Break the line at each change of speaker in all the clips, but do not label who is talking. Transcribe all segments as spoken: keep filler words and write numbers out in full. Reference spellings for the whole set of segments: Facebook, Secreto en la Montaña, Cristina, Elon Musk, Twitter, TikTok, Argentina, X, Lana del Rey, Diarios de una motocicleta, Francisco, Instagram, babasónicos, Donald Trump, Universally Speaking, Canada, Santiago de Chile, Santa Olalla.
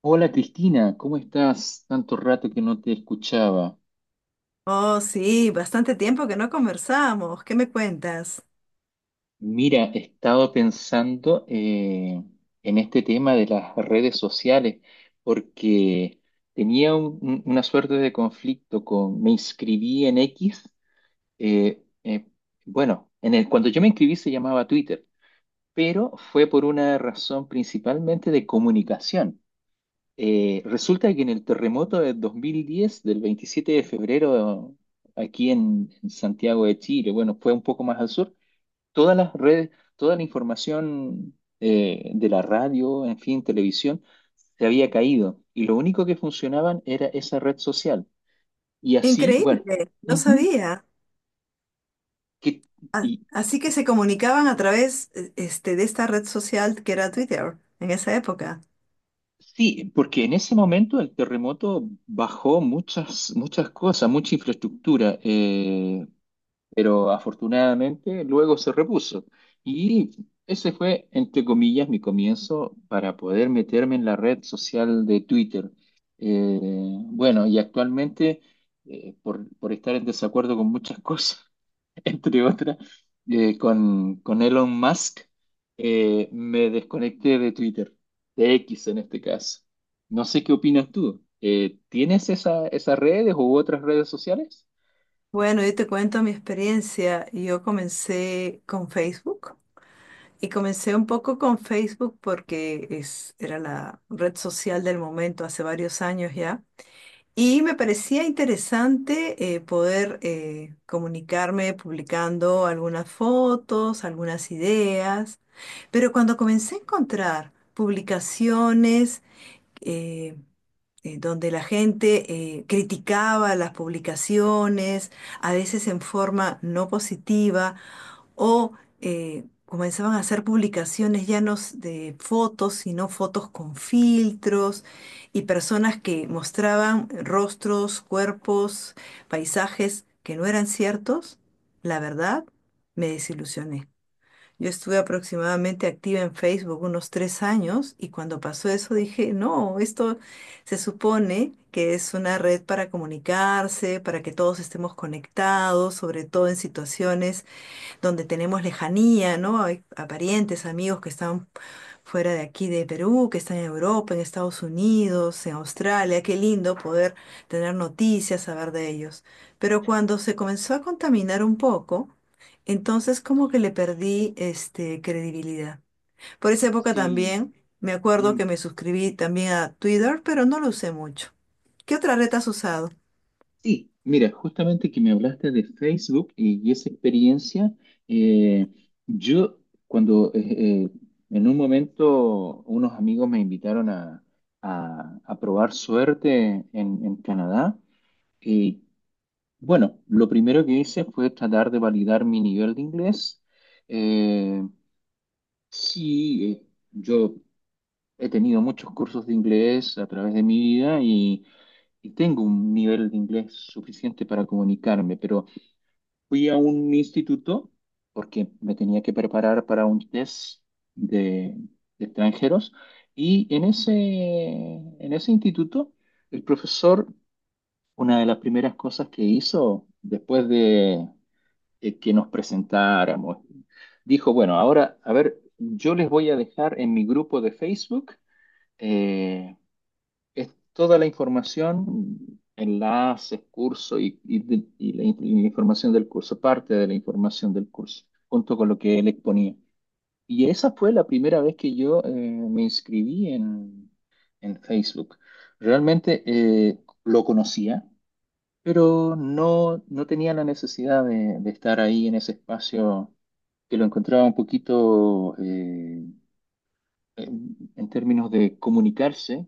Hola Cristina, ¿cómo estás? Tanto rato que no te escuchaba.
Oh, sí, bastante tiempo que no conversamos. ¿Qué me cuentas?
Mira, he estado pensando eh, en este tema de las redes sociales porque tenía un- un- una suerte de conflicto con, me inscribí en X, eh, eh, bueno, en el, cuando yo me inscribí se llamaba Twitter, pero fue por una razón principalmente de comunicación. Eh, resulta que en el terremoto del dos mil diez, del veintisiete de febrero, aquí en, en Santiago de Chile, bueno, fue un poco más al sur, todas las redes, toda la información eh, de la radio, en fin, televisión, se había caído y lo único que funcionaban era esa red social. Y así, bueno,
Increíble, no
ujú,
sabía.
que,
A-
y,
Así que se
y-
comunicaban a través, eh, este, de esta red social que era Twitter en esa época.
sí, porque en ese momento el terremoto bajó muchas, muchas cosas, mucha infraestructura. Eh, pero afortunadamente luego se repuso. Y ese fue, entre comillas, mi comienzo para poder meterme en la red social de Twitter. Eh, bueno, y actualmente, eh, por, por estar en desacuerdo con muchas cosas, entre otras, eh, con, con Elon Musk, eh, me desconecté de Twitter, de X en este caso. No sé qué opinas tú. Eh, ¿tienes esa, esas redes u otras redes sociales?
Bueno, yo te cuento mi experiencia. Yo comencé con Facebook y comencé un poco con Facebook porque es, era la red social del momento hace varios años ya. Y me parecía interesante eh, poder eh, comunicarme publicando algunas fotos, algunas ideas, pero cuando comencé a encontrar publicaciones eh, eh, donde la gente eh, criticaba las publicaciones, a veces en forma no positiva, o eh, comenzaban a hacer publicaciones ya no s- de fotos, sino fotos con filtros y personas que mostraban rostros, cuerpos, paisajes que no eran ciertos, la verdad, me desilusioné. Yo estuve aproximadamente activa en Facebook unos tres años y cuando pasó eso dije, no, esto se supone que es una red para comunicarse, para que todos estemos conectados, sobre todo en situaciones donde tenemos lejanía, ¿no? Hay a parientes, amigos que están fuera de aquí, de Perú, que están en Europa, en Estados Unidos, en Australia. Qué lindo poder tener noticias, saber de ellos. Pero cuando se comenzó a contaminar un poco, entonces como que le perdí este, credibilidad. Por esa época
Sí.
también me acuerdo que
Mm.
me suscribí también a Twitter, pero no lo usé mucho. ¿Qué otra red has usado?
Sí, mira, justamente que me hablaste de Facebook y, y esa experiencia, eh, yo cuando eh, eh, en un momento unos amigos me invitaron a, a- a probar suerte en, en Canadá, y bueno, lo primero que hice fue tratar de validar mi nivel de inglés. Eh, sí, eh, yo he tenido muchos cursos de inglés a través de mi vida y y tengo un nivel de inglés suficiente para comunicarme, pero... Fui a un instituto porque me tenía que preparar para un test de, de extranjeros y en ese, en ese instituto el profesor, una de las primeras cosas que hizo después de eh, que nos presentáramos, dijo, bueno, ahora, a ver, yo les voy a dejar en mi grupo de Facebook. eh, es toda la información, enlaces, curso y, y de- y la, in- y la información del curso, parte de la información del curso, junto con lo que él exponía. Y esa fue la primera vez que yo eh, me inscribí en, en Facebook. Realmente eh, lo conocía, pero no, no tenía la necesidad de, de estar ahí en ese espacio que lo encontraba un poquito eh, en en términos de comunicarse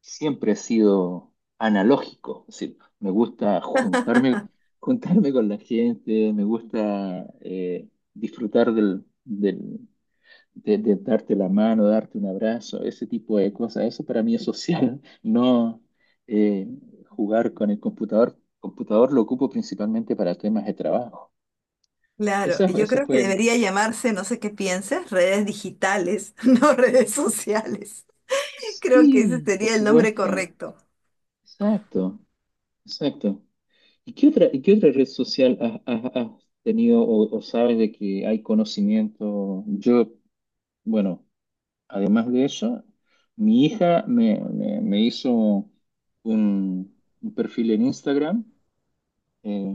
siempre he sido analógico, es decir, me gusta juntarme, juntarme con la gente, me gusta eh, disfrutar del, del- de, de darte la mano, darte un abrazo, ese tipo de cosas. Eso para mí es social, no eh, jugar con el computador. Computador lo ocupo principalmente para temas de trabajo.
Claro,
Esa,
yo
esa
creo que
fue...
debería llamarse, no sé qué pienses, redes digitales, no redes sociales. Creo que ese
Sí, por
sería el nombre
supuesto.
correcto.
Exacto, exacto. ¿Y qué otra, y qué otra red social has, has- has tenido o, o sabes de que hay conocimiento? Yo, bueno, además de eso, mi hija me, me- me hizo un, un perfil en Instagram eh,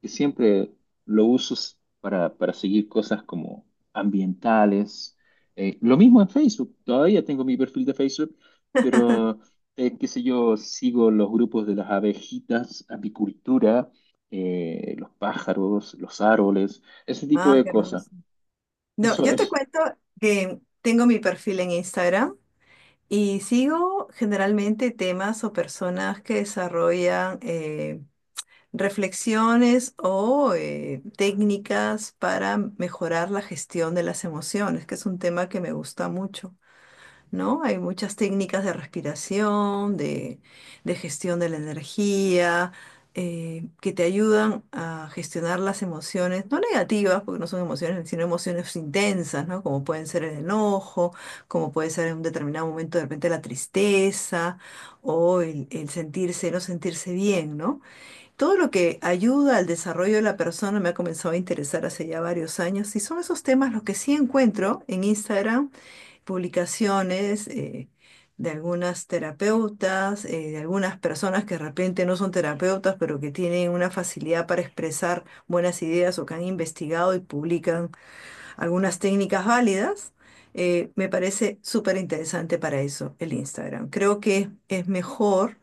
que siempre lo uso s- para, para seguir cosas como ambientales. Eh, lo mismo en Facebook, todavía tengo mi perfil de Facebook, pero eh, qué sé yo, sigo los grupos de las abejitas, apicultura, eh, los pájaros, los árboles, ese tipo
Ah,
de
qué
cosas.
hermoso. No,
Eso
yo te
es,
cuento que tengo mi perfil en Instagram y sigo generalmente temas o personas que desarrollan eh, reflexiones o eh, técnicas para mejorar la gestión de las emociones, que es un tema que me gusta mucho. ¿No? Hay muchas técnicas de respiración, de, de gestión de la energía, eh, que te ayudan a gestionar las emociones, no negativas, porque no son emociones, sino emociones intensas, ¿no? Como pueden ser el enojo, como puede ser en un determinado momento de repente la tristeza o el, el sentirse, no sentirse bien, ¿no? Todo lo que ayuda al desarrollo de la persona me ha comenzado a interesar hace ya varios años y son esos temas los que sí encuentro en Instagram publicaciones eh, de algunas terapeutas, eh, de algunas personas que de repente no son terapeutas, pero que tienen una facilidad para expresar buenas ideas o que han investigado y publican algunas técnicas válidas. Eh, me parece súper interesante para eso el Instagram. Creo que es mejor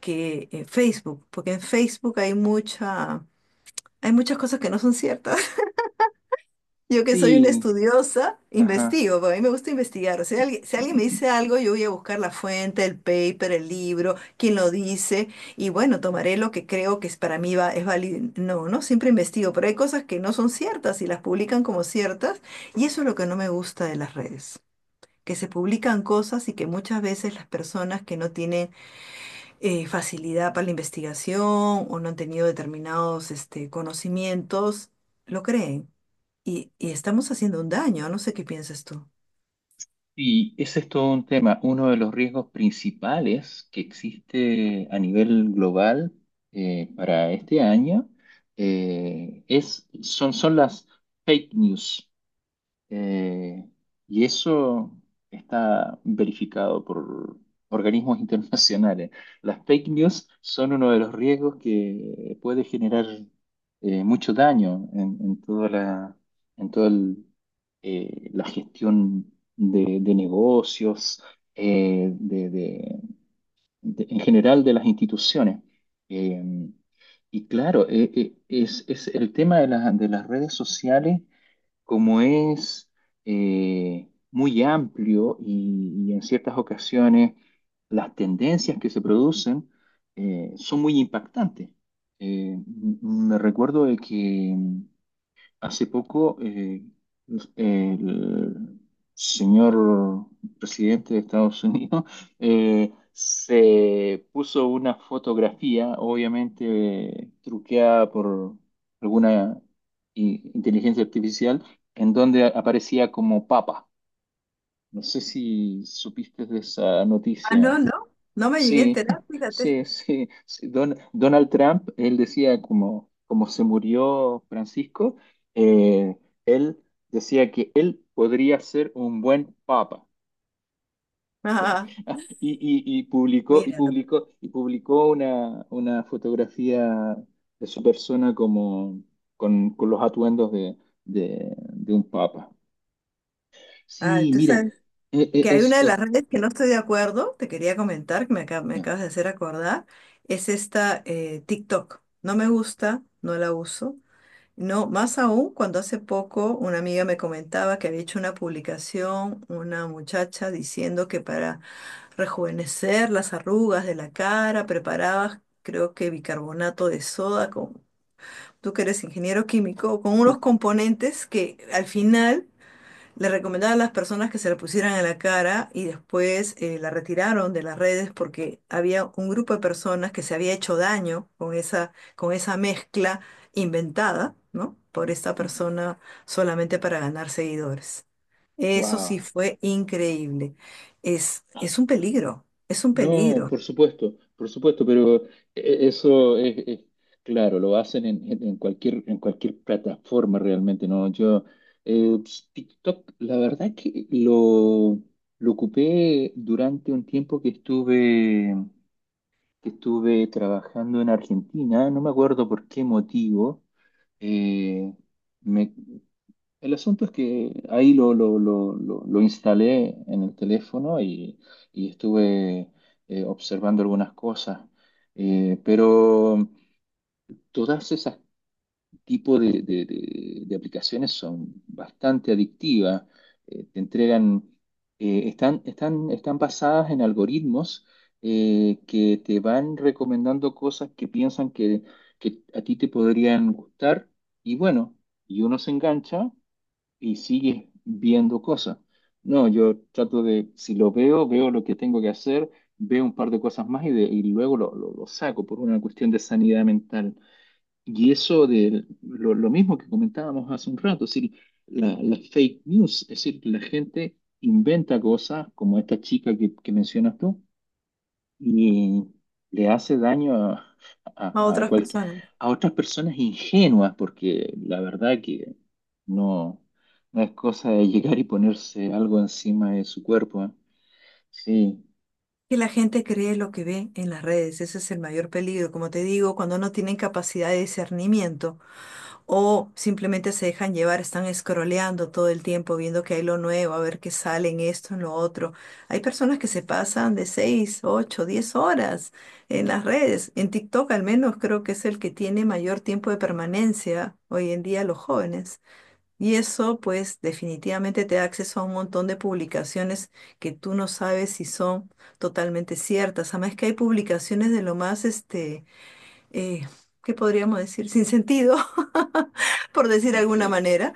que eh, Facebook, porque en Facebook hay mucha, hay muchas cosas que no son ciertas. Yo que soy una
sí,
estudiosa,
ajá.
investigo, porque a mí me gusta investigar. Si alguien, si alguien me dice algo, yo voy a buscar la fuente, el paper, el libro, quién lo dice, y bueno, tomaré lo que creo que es para mí va, es válido. No, no, siempre investigo, pero hay cosas que no son ciertas y las publican como ciertas, y eso es lo que no me gusta de las redes, que se publican cosas y que muchas veces las personas que no tienen eh, facilidad para la investigación o no han tenido determinados este, conocimientos, lo creen y, y estamos haciendo un daño, no sé qué piensas tú.
Y ese es todo un tema. Uno de los riesgos principales que existe a nivel global eh, para este año eh, es, son, son las fake news. Eh, y eso está verificado por organismos internacionales. Las fake news son uno de los riesgos que puede generar eh, mucho daño en, en toda la, en toda el, eh, la gestión de, de negocios, eh, de, de- de- en general de las instituciones. Eh, y claro, eh, eh, es, es el tema de la- de las redes sociales como es eh, muy amplio y, y en ciertas ocasiones las tendencias que se producen eh, son muy impactantes. Eh, m- me recuerdo de que hace poco, eh, el señor presidente de Estados Unidos eh, se puso una fotografía, obviamente truqueada por alguna i- inteligencia artificial, en donde aparecía como papa. No sé si supiste de esa
Ah, no,
noticia.
no, no me llegué a
Sí,
enterar, fíjate.
sí, sí, sí. Don- Donald Trump, él decía como, como se murió Francisco, eh, él decía que él podría ser un buen papa.
Ajá,
Ah, Y, y- y publicó, y
míralo.
publicó, y publicó una, una fotografía de su persona como con, con los atuendos de, de- de un papa.
Ah,
Sí,
tú
mira,
sabes
e- e-
que hay
es,
una de
es,
las redes que no estoy de acuerdo, te quería comentar, que me, acab- me
ya.
acabas de hacer acordar, es esta eh, TikTok. No me gusta, no la uso. No, más aún cuando hace poco una amiga me comentaba que había hecho una publicación, una muchacha diciendo que para rejuvenecer las arrugas de la cara preparaba, creo que bicarbonato de soda, tú que eres ingeniero químico, con unos componentes que al final le recomendaban a las personas que se la pusieran en la cara y después eh, la retiraron de las redes porque había un grupo de personas que se había hecho daño con esa, con esa mezcla inventada, ¿no? Por esta persona solamente para ganar seguidores. Eso sí
Wow.
fue increíble. Es, es un peligro, es un
No,
peligro
por supuesto, por supuesto, pero e- eso es, es- claro, lo hacen en, en- en cualquier, en cualquier plataforma realmente, ¿no? Yo, eh, ps, TikTok, la verdad que lo, lo ocupé durante un tiempo que estuve, que estuve trabajando en Argentina, no me acuerdo por qué motivo, eh, me, el asunto es que ahí lo, lo, lo, lo, lo instalé en el teléfono y, y estuve eh, observando algunas cosas. Eh, pero todas esas tipos de, de- de- de aplicaciones son bastante adictivas. Eh, te entregan, eh, están, están, están basadas en algoritmos eh, que te van recomendando cosas que piensan que, que a ti te podrían gustar y bueno, y uno se engancha y sigues viendo cosas. No, yo trato de, si lo veo, veo lo que tengo que hacer, veo un par de cosas más y, de- y luego lo, lo- lo saco por una cuestión de sanidad mental. Y eso de lo, lo mismo que comentábamos hace un rato, es decir, la, la fake news, es decir, la gente inventa cosas como esta chica que, que mencionas tú y le hace daño a,
a
a, a
otras
cual-
personas.
a otras personas ingenuas, porque la verdad que no, no es cosa de llegar y ponerse algo encima de su cuerpo, ¿eh? Sí,
Que la gente cree lo que ve en las redes, ese es el mayor peligro. Como te digo, cuando no tienen capacidad de discernimiento o simplemente se dejan llevar, están scrolleando todo el tiempo, viendo que hay lo nuevo, a ver qué sale en esto, en lo otro. Hay personas que se pasan de seis ocho diez horas en las redes. En TikTok al menos creo que es el que tiene mayor tiempo de permanencia hoy en día los jóvenes. Y eso, pues, definitivamente te da acceso a un montón de publicaciones que tú no sabes si son totalmente ciertas. Además que hay publicaciones de lo más, este, eh, ¿qué podríamos decir? Sin sentido, por decir de alguna
de,
manera,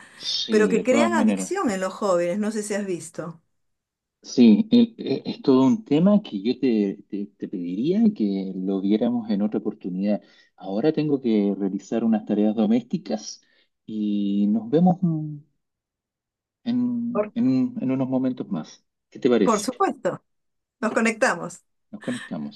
pero
sí,
que
de todas
crean
maneras.
adicción en los jóvenes. No sé si has visto.
Sí, e- e- es todo un tema que yo te, te, te pediría que lo viéramos en otra oportunidad. Ahora tengo que realizar unas tareas domésticas y nos vemos en,
Por,
en un- en unos momentos más. ¿Qué te
por
parece?
supuesto, nos conectamos.
Nos conectamos.